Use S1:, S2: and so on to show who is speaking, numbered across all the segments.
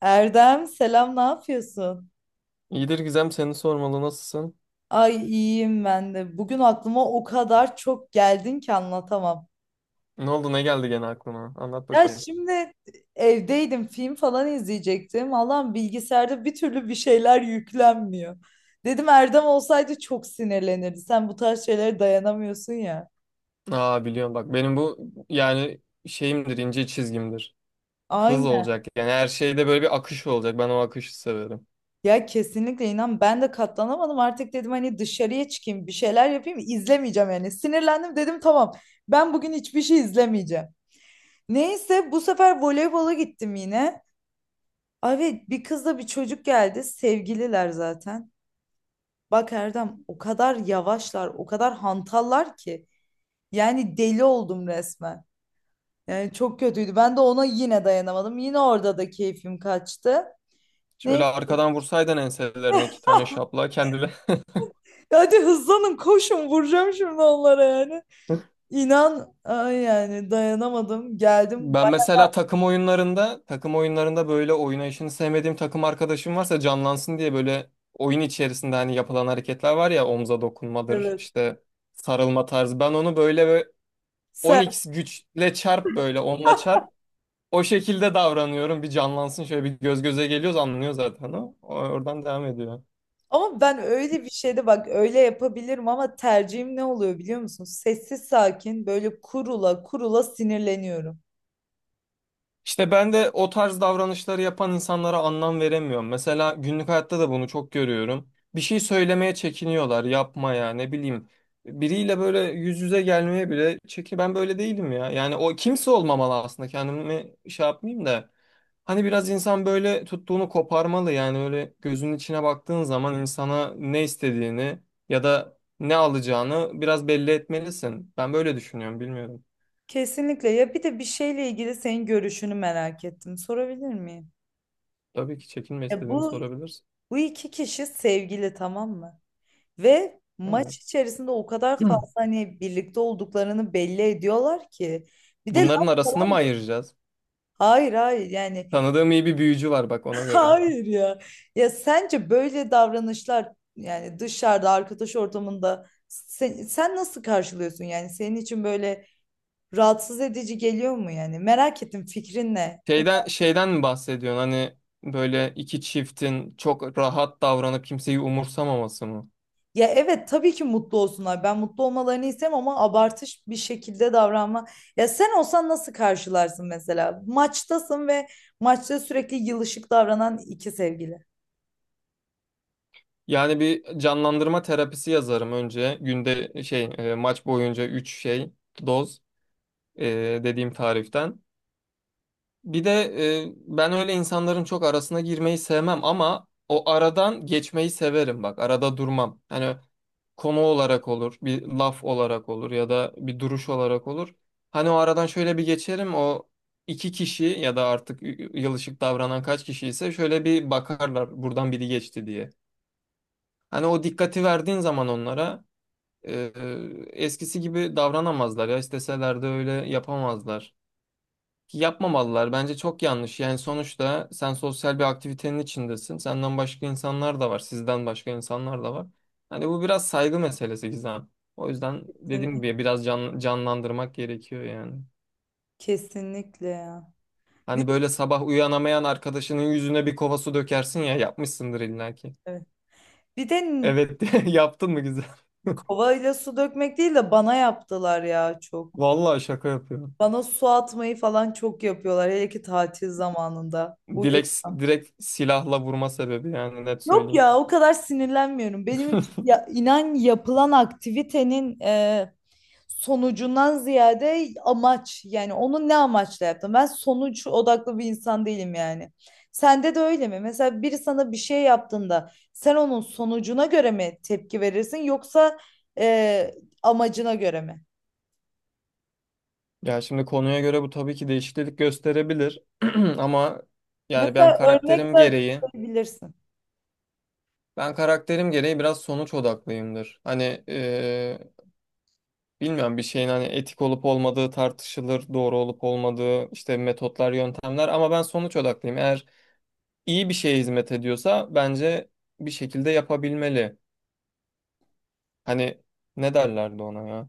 S1: Erdem selam, ne yapıyorsun?
S2: İyidir Gizem, seni sormalı, nasılsın?
S1: Ay iyiyim ben de. Bugün aklıma o kadar çok geldin ki anlatamam.
S2: Ne oldu, ne geldi gene aklına? Anlat
S1: Ya
S2: bakayım.
S1: şimdi evdeydim, film falan izleyecektim. Allah'ım, bilgisayarda bir türlü bir şeyler yüklenmiyor. Dedim Erdem olsaydı çok sinirlenirdi. Sen bu tarz şeylere dayanamıyorsun ya.
S2: Aa, biliyorum, bak benim bu yani şeyimdir, ince çizgimdir. Hız
S1: Aynen.
S2: olacak, yani her şeyde böyle bir akış olacak, ben o akışı severim.
S1: Ya kesinlikle, inan ben de katlanamadım. Artık dedim hani dışarıya çıkayım, bir şeyler yapayım, izlemeyeceğim yani. Sinirlendim, dedim tamam ben bugün hiçbir şey izlemeyeceğim. Neyse, bu sefer voleybola gittim yine. Abi bir kızla bir çocuk geldi. Sevgililer zaten. Bak Erdem, o kadar yavaşlar, o kadar hantallar ki. Yani deli oldum resmen. Yani çok kötüydü. Ben de ona yine dayanamadım. Yine orada da keyfim kaçtı. Neyse,
S2: Şöyle arkadan vursaydın enselerine iki tane, şapla kendine.
S1: hadi hızlanın, koşun, vuracağım şimdi onlara yani. İnan ay, yani dayanamadım. Geldim.
S2: Ben
S1: Bak,
S2: mesela takım oyunlarında böyle oynayışını sevmediğim takım arkadaşım varsa canlansın diye, böyle oyun içerisinde hani yapılan hareketler var ya, omza dokunmadır
S1: evet.
S2: işte, sarılma tarzı, ben onu böyle on x güçle çarp, böyle onla çarp. O şekilde davranıyorum. Bir canlansın. Şöyle bir göz göze geliyoruz, anlıyor zaten o. Oradan devam ediyor.
S1: Ama ben öyle bir şeyde bak öyle yapabilirim, ama tercihim ne oluyor biliyor musun? Sessiz sakin böyle kurula kurula sinirleniyorum.
S2: İşte ben de o tarz davranışları yapan insanlara anlam veremiyorum. Mesela günlük hayatta da bunu çok görüyorum. Bir şey söylemeye çekiniyorlar, yapmaya, ne bileyim. Biriyle böyle yüz yüze gelmeye bile ben böyle değilim ya. Yani o kimse olmamalı, aslında kendimi şey yapmayayım da. Hani biraz insan böyle tuttuğunu koparmalı, yani öyle gözünün içine baktığın zaman insana ne istediğini ya da ne alacağını biraz belli etmelisin. Ben böyle düşünüyorum, bilmiyorum.
S1: Kesinlikle ya, bir de bir şeyle ilgili senin görüşünü merak ettim. Sorabilir miyim?
S2: Tabii ki, çekinme,
S1: Ya
S2: istediğini
S1: bu
S2: sorabilirsin.
S1: iki kişi sevgili, tamam mı? Ve maç
S2: Evet.
S1: içerisinde o kadar fazla hani birlikte olduklarını belli ediyorlar ki. Bir de
S2: Bunların
S1: laf
S2: arasını mı
S1: falan.
S2: ayıracağız?
S1: Hayır, hayır, yani
S2: Tanıdığım iyi bir büyücü var, bak ona göre.
S1: hayır ya. Ya sence böyle davranışlar, yani dışarıda arkadaş ortamında sen, nasıl karşılıyorsun, yani senin için böyle rahatsız edici geliyor mu yani? Merak ettim, fikrin ne?
S2: Şeyden mi bahsediyorsun? Hani böyle iki çiftin çok rahat davranıp kimseyi umursamaması mı?
S1: Ya evet, tabii ki mutlu olsunlar. Ben mutlu olmalarını isterim, ama abartış bir şekilde davranma. Ya sen olsan nasıl karşılarsın mesela? Maçtasın ve maçta sürekli yılışık davranan iki sevgili.
S2: Yani bir canlandırma terapisi yazarım önce. Günde şey, maç boyunca 3 şey, doz, e, dediğim tariften. Bir de ben öyle insanların çok arasına girmeyi sevmem ama o aradan geçmeyi severim bak. Arada durmam. Hani konu olarak olur, bir laf olarak olur ya da bir duruş olarak olur. Hani o aradan şöyle bir geçerim, o iki kişi ya da artık yılışık davranan kaç kişi ise, şöyle bir bakarlar buradan biri geçti diye. Hani o dikkati verdiğin zaman onlara eskisi gibi davranamazlar ya, isteseler de öyle yapamazlar. Yapmamalılar. Bence çok yanlış. Yani sonuçta sen sosyal bir aktivitenin içindesin. Senden başka insanlar da var. Sizden başka insanlar da var. Hani bu biraz saygı meselesi Gizem. O yüzden dediğim gibi biraz canlandırmak gerekiyor yani.
S1: Kesinlikle ya.
S2: Hani
S1: Bir de,
S2: böyle sabah uyanamayan arkadaşının yüzüne bir kova su dökersin ya, yapmışsındır illa ki.
S1: evet. Bir de
S2: Evet, yaptın mı Gizem?
S1: kovayla su dökmek değil de bana yaptılar ya çok.
S2: Vallahi şaka yapıyorum.
S1: Bana su atmayı falan çok yapıyorlar. Hele ki tatil zamanında, uyurken.
S2: Dilek, direkt silahla vurma sebebi, yani net
S1: Yok
S2: söyleyeyim.
S1: ya, o kadar sinirlenmiyorum. Benim için ya, inan, yapılan aktivitenin sonucundan ziyade amaç. Yani onu ne amaçla yaptım? Ben sonuç odaklı bir insan değilim yani. Sende de öyle mi? Mesela biri sana bir şey yaptığında sen onun sonucuna göre mi tepki verirsin yoksa e, amacına göre mi?
S2: Ya şimdi konuya göre bu tabii ki değişiklik gösterebilir, ama yani ben
S1: Mesela örnek
S2: karakterim
S1: de
S2: gereği
S1: açıklayabilirsin.
S2: ben karakterim gereği biraz sonuç odaklıyımdır. Hani bilmiyorum, bir şeyin hani etik olup olmadığı tartışılır, doğru olup olmadığı, işte metotlar, yöntemler, ama ben sonuç odaklıyım. Eğer iyi bir şeye hizmet ediyorsa bence bir şekilde yapabilmeli. Hani ne derlerdi ona ya?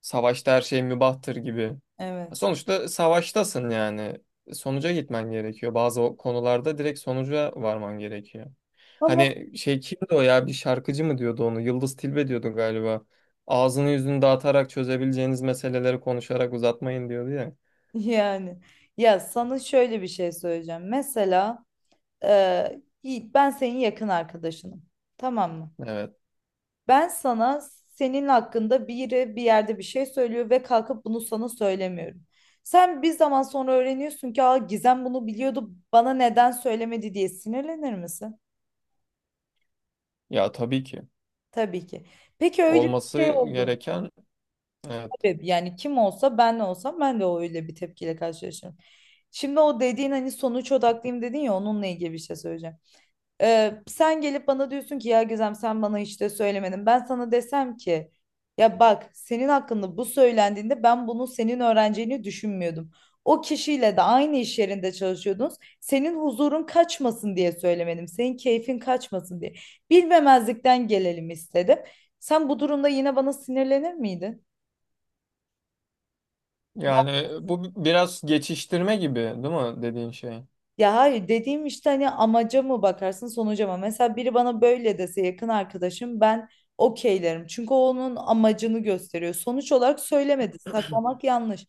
S2: Savaşta her şey mübahtır gibi.
S1: Evet.
S2: Sonuçta savaştasın yani. Sonuca gitmen gerekiyor. Bazı o konularda direkt sonuca varman gerekiyor.
S1: Ama
S2: Hani şey kimdi o ya, bir şarkıcı mı diyordu onu? Yıldız Tilbe diyordu galiba. Ağzını yüzünü dağıtarak çözebileceğiniz meseleleri konuşarak uzatmayın diyordu ya.
S1: yani ya sana şöyle bir şey söyleyeceğim. Mesela Yiğit, ben senin yakın arkadaşınım. Tamam mı?
S2: Evet.
S1: Ben sana senin hakkında biri bir yerde bir şey söylüyor ve kalkıp bunu sana söylemiyorum. Sen bir zaman sonra öğreniyorsun ki, aa, Gizem bunu biliyordu, bana neden söylemedi diye sinirlenir misin?
S2: Ya tabii ki.
S1: Tabii ki. Peki öyle bir
S2: Olması
S1: şey oldu mu?
S2: gereken, evet.
S1: Tabii yani, kim olsa, ben de olsam ben de öyle bir tepkiyle karşılaşırım. Şimdi o dediğin hani sonuç odaklıyım dedin ya, onunla ilgili bir şey söyleyeceğim. Sen gelip bana diyorsun ki ya Gizem, sen bana işte söylemedin. Ben sana desem ki ya bak, senin hakkında bu söylendiğinde ben bunu senin öğreneceğini düşünmüyordum. O kişiyle de aynı iş yerinde çalışıyordunuz. Senin huzurun kaçmasın diye söylemedim. Senin keyfin kaçmasın diye. Bilmemezlikten gelelim istedim. Sen bu durumda yine bana sinirlenir miydin?
S2: Yani bu biraz geçiştirme gibi değil mi dediğin şey?
S1: Ya hayır, dediğim işte hani amaca mı bakarsın sonuca mı? Mesela biri bana böyle dese, yakın arkadaşım, ben okeylerim. Çünkü o onun amacını gösteriyor. Sonuç olarak söylemedi. Saklamak yanlış.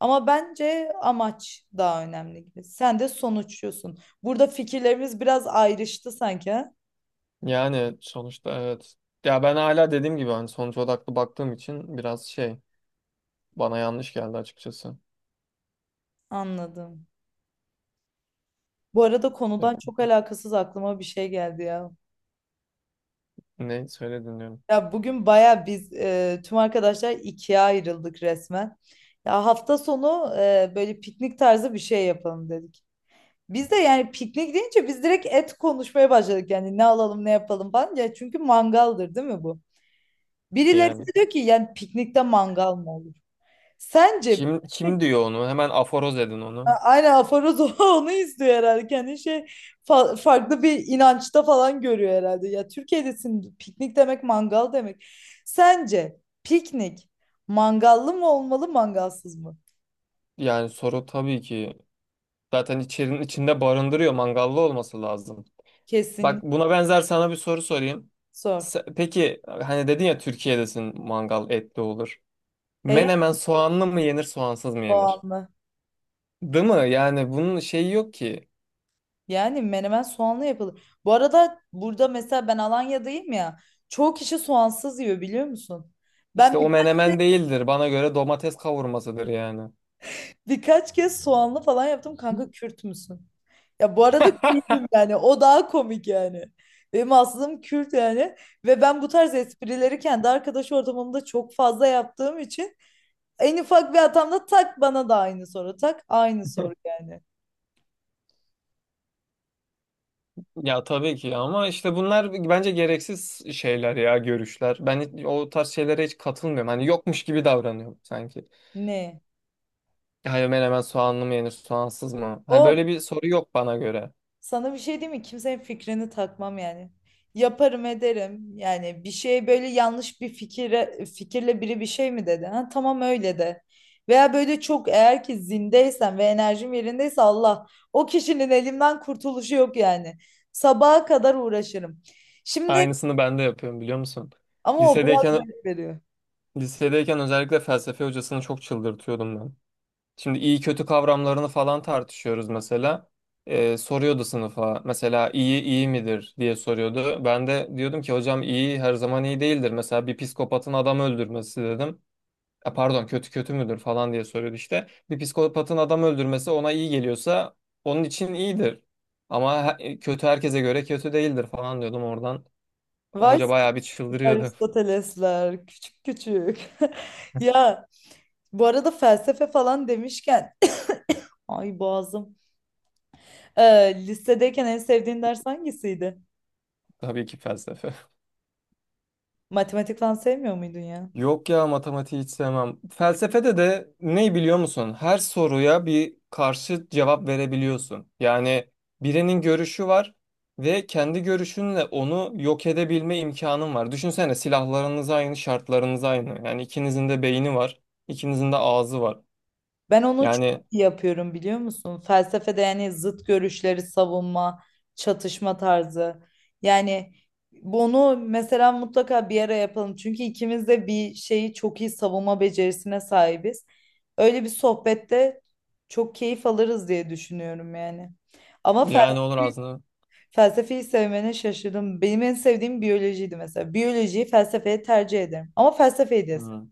S1: Ama bence amaç daha önemli gibi. Sen de sonuçluyorsun. Burada fikirlerimiz biraz ayrıştı sanki, ha?
S2: Yani sonuçta evet. Ya ben hala dediğim gibi, hani sonuç odaklı baktığım için biraz şey, bana yanlış geldi açıkçası.
S1: Anladım. Bu arada,
S2: Evet.
S1: konudan çok alakasız, aklıma bir şey geldi ya.
S2: Ne söyledin diyorum.
S1: Ya bugün baya biz tüm arkadaşlar ikiye ayrıldık resmen. Ya hafta sonu böyle piknik tarzı bir şey yapalım dedik. Biz de yani piknik deyince biz direkt et konuşmaya başladık. Yani ne alalım ne yapalım falan. Ya çünkü mangaldır değil mi bu? Birileri
S2: Yani
S1: de diyor ki yani piknikte mangal mı olur? Sence
S2: kim diyor onu? Hemen aforoz edin onu.
S1: Aynen, aforoz onu izliyor herhalde. Kendi farklı bir inançta falan görüyor herhalde. Ya Türkiye'desin, piknik demek mangal demek. Sence piknik mangallı mı olmalı mangalsız mı?
S2: Yani soru tabii ki zaten içerinin içinde barındırıyor. Mangallı olması lazım.
S1: Kesinlikle.
S2: Bak buna benzer sana bir soru sorayım.
S1: Sor.
S2: Peki hani dedin ya Türkiye'desin, mangal etli olur.
S1: E,
S2: Menemen soğanlı mı yenir, soğansız mı yenir?
S1: soğanlı.
S2: Değil mi? Yani bunun şeyi yok ki.
S1: Yani menemen soğanlı yapılır. Bu arada burada mesela ben Alanya'dayım ya. Çoğu kişi soğansız yiyor biliyor musun? Ben
S2: İşte o
S1: birkaç
S2: menemen değildir. Bana göre domates kavurmasıdır yani.
S1: Birkaç kez soğanlı falan yaptım. Kanka Kürt müsün? Ya bu arada Kürt'üm yani. O daha komik yani. Benim aslım Kürt yani. Ve ben bu tarz esprileri kendi arkadaş ortamımda çok fazla yaptığım için en ufak bir hatamda tak bana da aynı soru. Tak aynı soru yani.
S2: Ya tabii ki, ama işte bunlar bence gereksiz şeyler ya, görüşler. Ben o tarz şeylere hiç katılmıyorum. Hani yokmuş gibi davranıyorum sanki.
S1: Ne?
S2: Hayır, menemen soğanlı mı yenir, soğansız mı? Hani
S1: O
S2: böyle bir soru yok bana göre.
S1: Sana bir şey diyeyim mi? Kimsenin fikrini takmam yani. Yaparım ederim. Yani bir şey böyle yanlış bir fikirle biri bir şey mi dedi? Ha, tamam öyle de. Veya böyle çok eğer ki zindeysen ve enerjim yerindeyse, Allah, o kişinin elimden kurtuluşu yok yani. Sabaha kadar uğraşırım. Şimdi
S2: Aynısını ben de yapıyorum biliyor musun?
S1: ama o biraz
S2: Lisedeyken
S1: zevk veriyor.
S2: lisedeyken özellikle felsefe hocasını çok çıldırtıyordum ben. Şimdi iyi kötü kavramlarını falan tartışıyoruz mesela. Soruyordu sınıfa mesela, iyi iyi midir diye soruyordu. Ben de diyordum ki hocam, iyi her zaman iyi değildir. Mesela bir psikopatın adam öldürmesi, dedim. Pardon, kötü kötü müdür falan diye soruyordu işte. Bir psikopatın adam öldürmesi ona iyi geliyorsa onun için iyidir. Ama kötü herkese göre kötü değildir falan diyordum oradan.
S1: Vay
S2: Hoca
S1: siz
S2: bayağı bir çıldırıyordu.
S1: Aristotelesler küçük küçük. Ya bu arada felsefe falan demişken, ay boğazım. Lisedeyken en sevdiğin ders hangisiydi?
S2: Tabii ki felsefe.
S1: Matematik falan sevmiyor muydun ya?
S2: Yok ya, matematiği hiç sevmem. Felsefede de ne, biliyor musun? Her soruya bir karşı cevap verebiliyorsun. Yani birinin görüşü var ve kendi görüşünle onu yok edebilme imkanın var. Düşünsene, silahlarınız aynı, şartlarınız aynı. Yani ikinizin de beyni var, ikinizin de ağzı var.
S1: Ben onu çok
S2: Yani
S1: iyi yapıyorum biliyor musun? Felsefede yani zıt görüşleri savunma, çatışma tarzı. Yani bunu mesela mutlaka bir ara yapalım. Çünkü ikimiz de bir şeyi çok iyi savunma becerisine sahibiz. Öyle bir sohbette çok keyif alırız diye düşünüyorum yani. Ama
S2: yani olur aslında.
S1: Felsefeyi sevmene şaşırdım. Benim en sevdiğim biyolojiydi mesela. Biyolojiyi felsefeye tercih ederim. Ama felsefeyi de
S2: Hmm.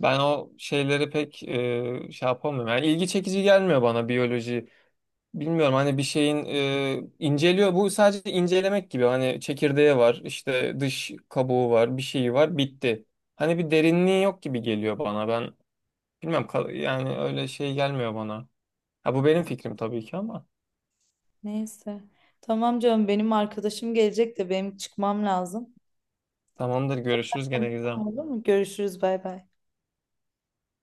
S2: Ben o şeyleri pek şey yapamıyorum. Yani ilgi çekici gelmiyor bana biyoloji. Bilmiyorum, hani bir şeyin inceliyor. Bu sadece incelemek gibi. Hani çekirdeği var, işte dış kabuğu var, bir şeyi var, bitti. Hani bir derinliği yok gibi geliyor bana. Ben yani öyle şey gelmiyor bana. Ha, bu benim fikrim tabii ki ama.
S1: neyse. Tamam canım, benim arkadaşım gelecek de benim çıkmam lazım.
S2: Tamamdır, görüşürüz gene
S1: Tamam,
S2: Gizem.
S1: olur mu? Görüşürüz, bay bay.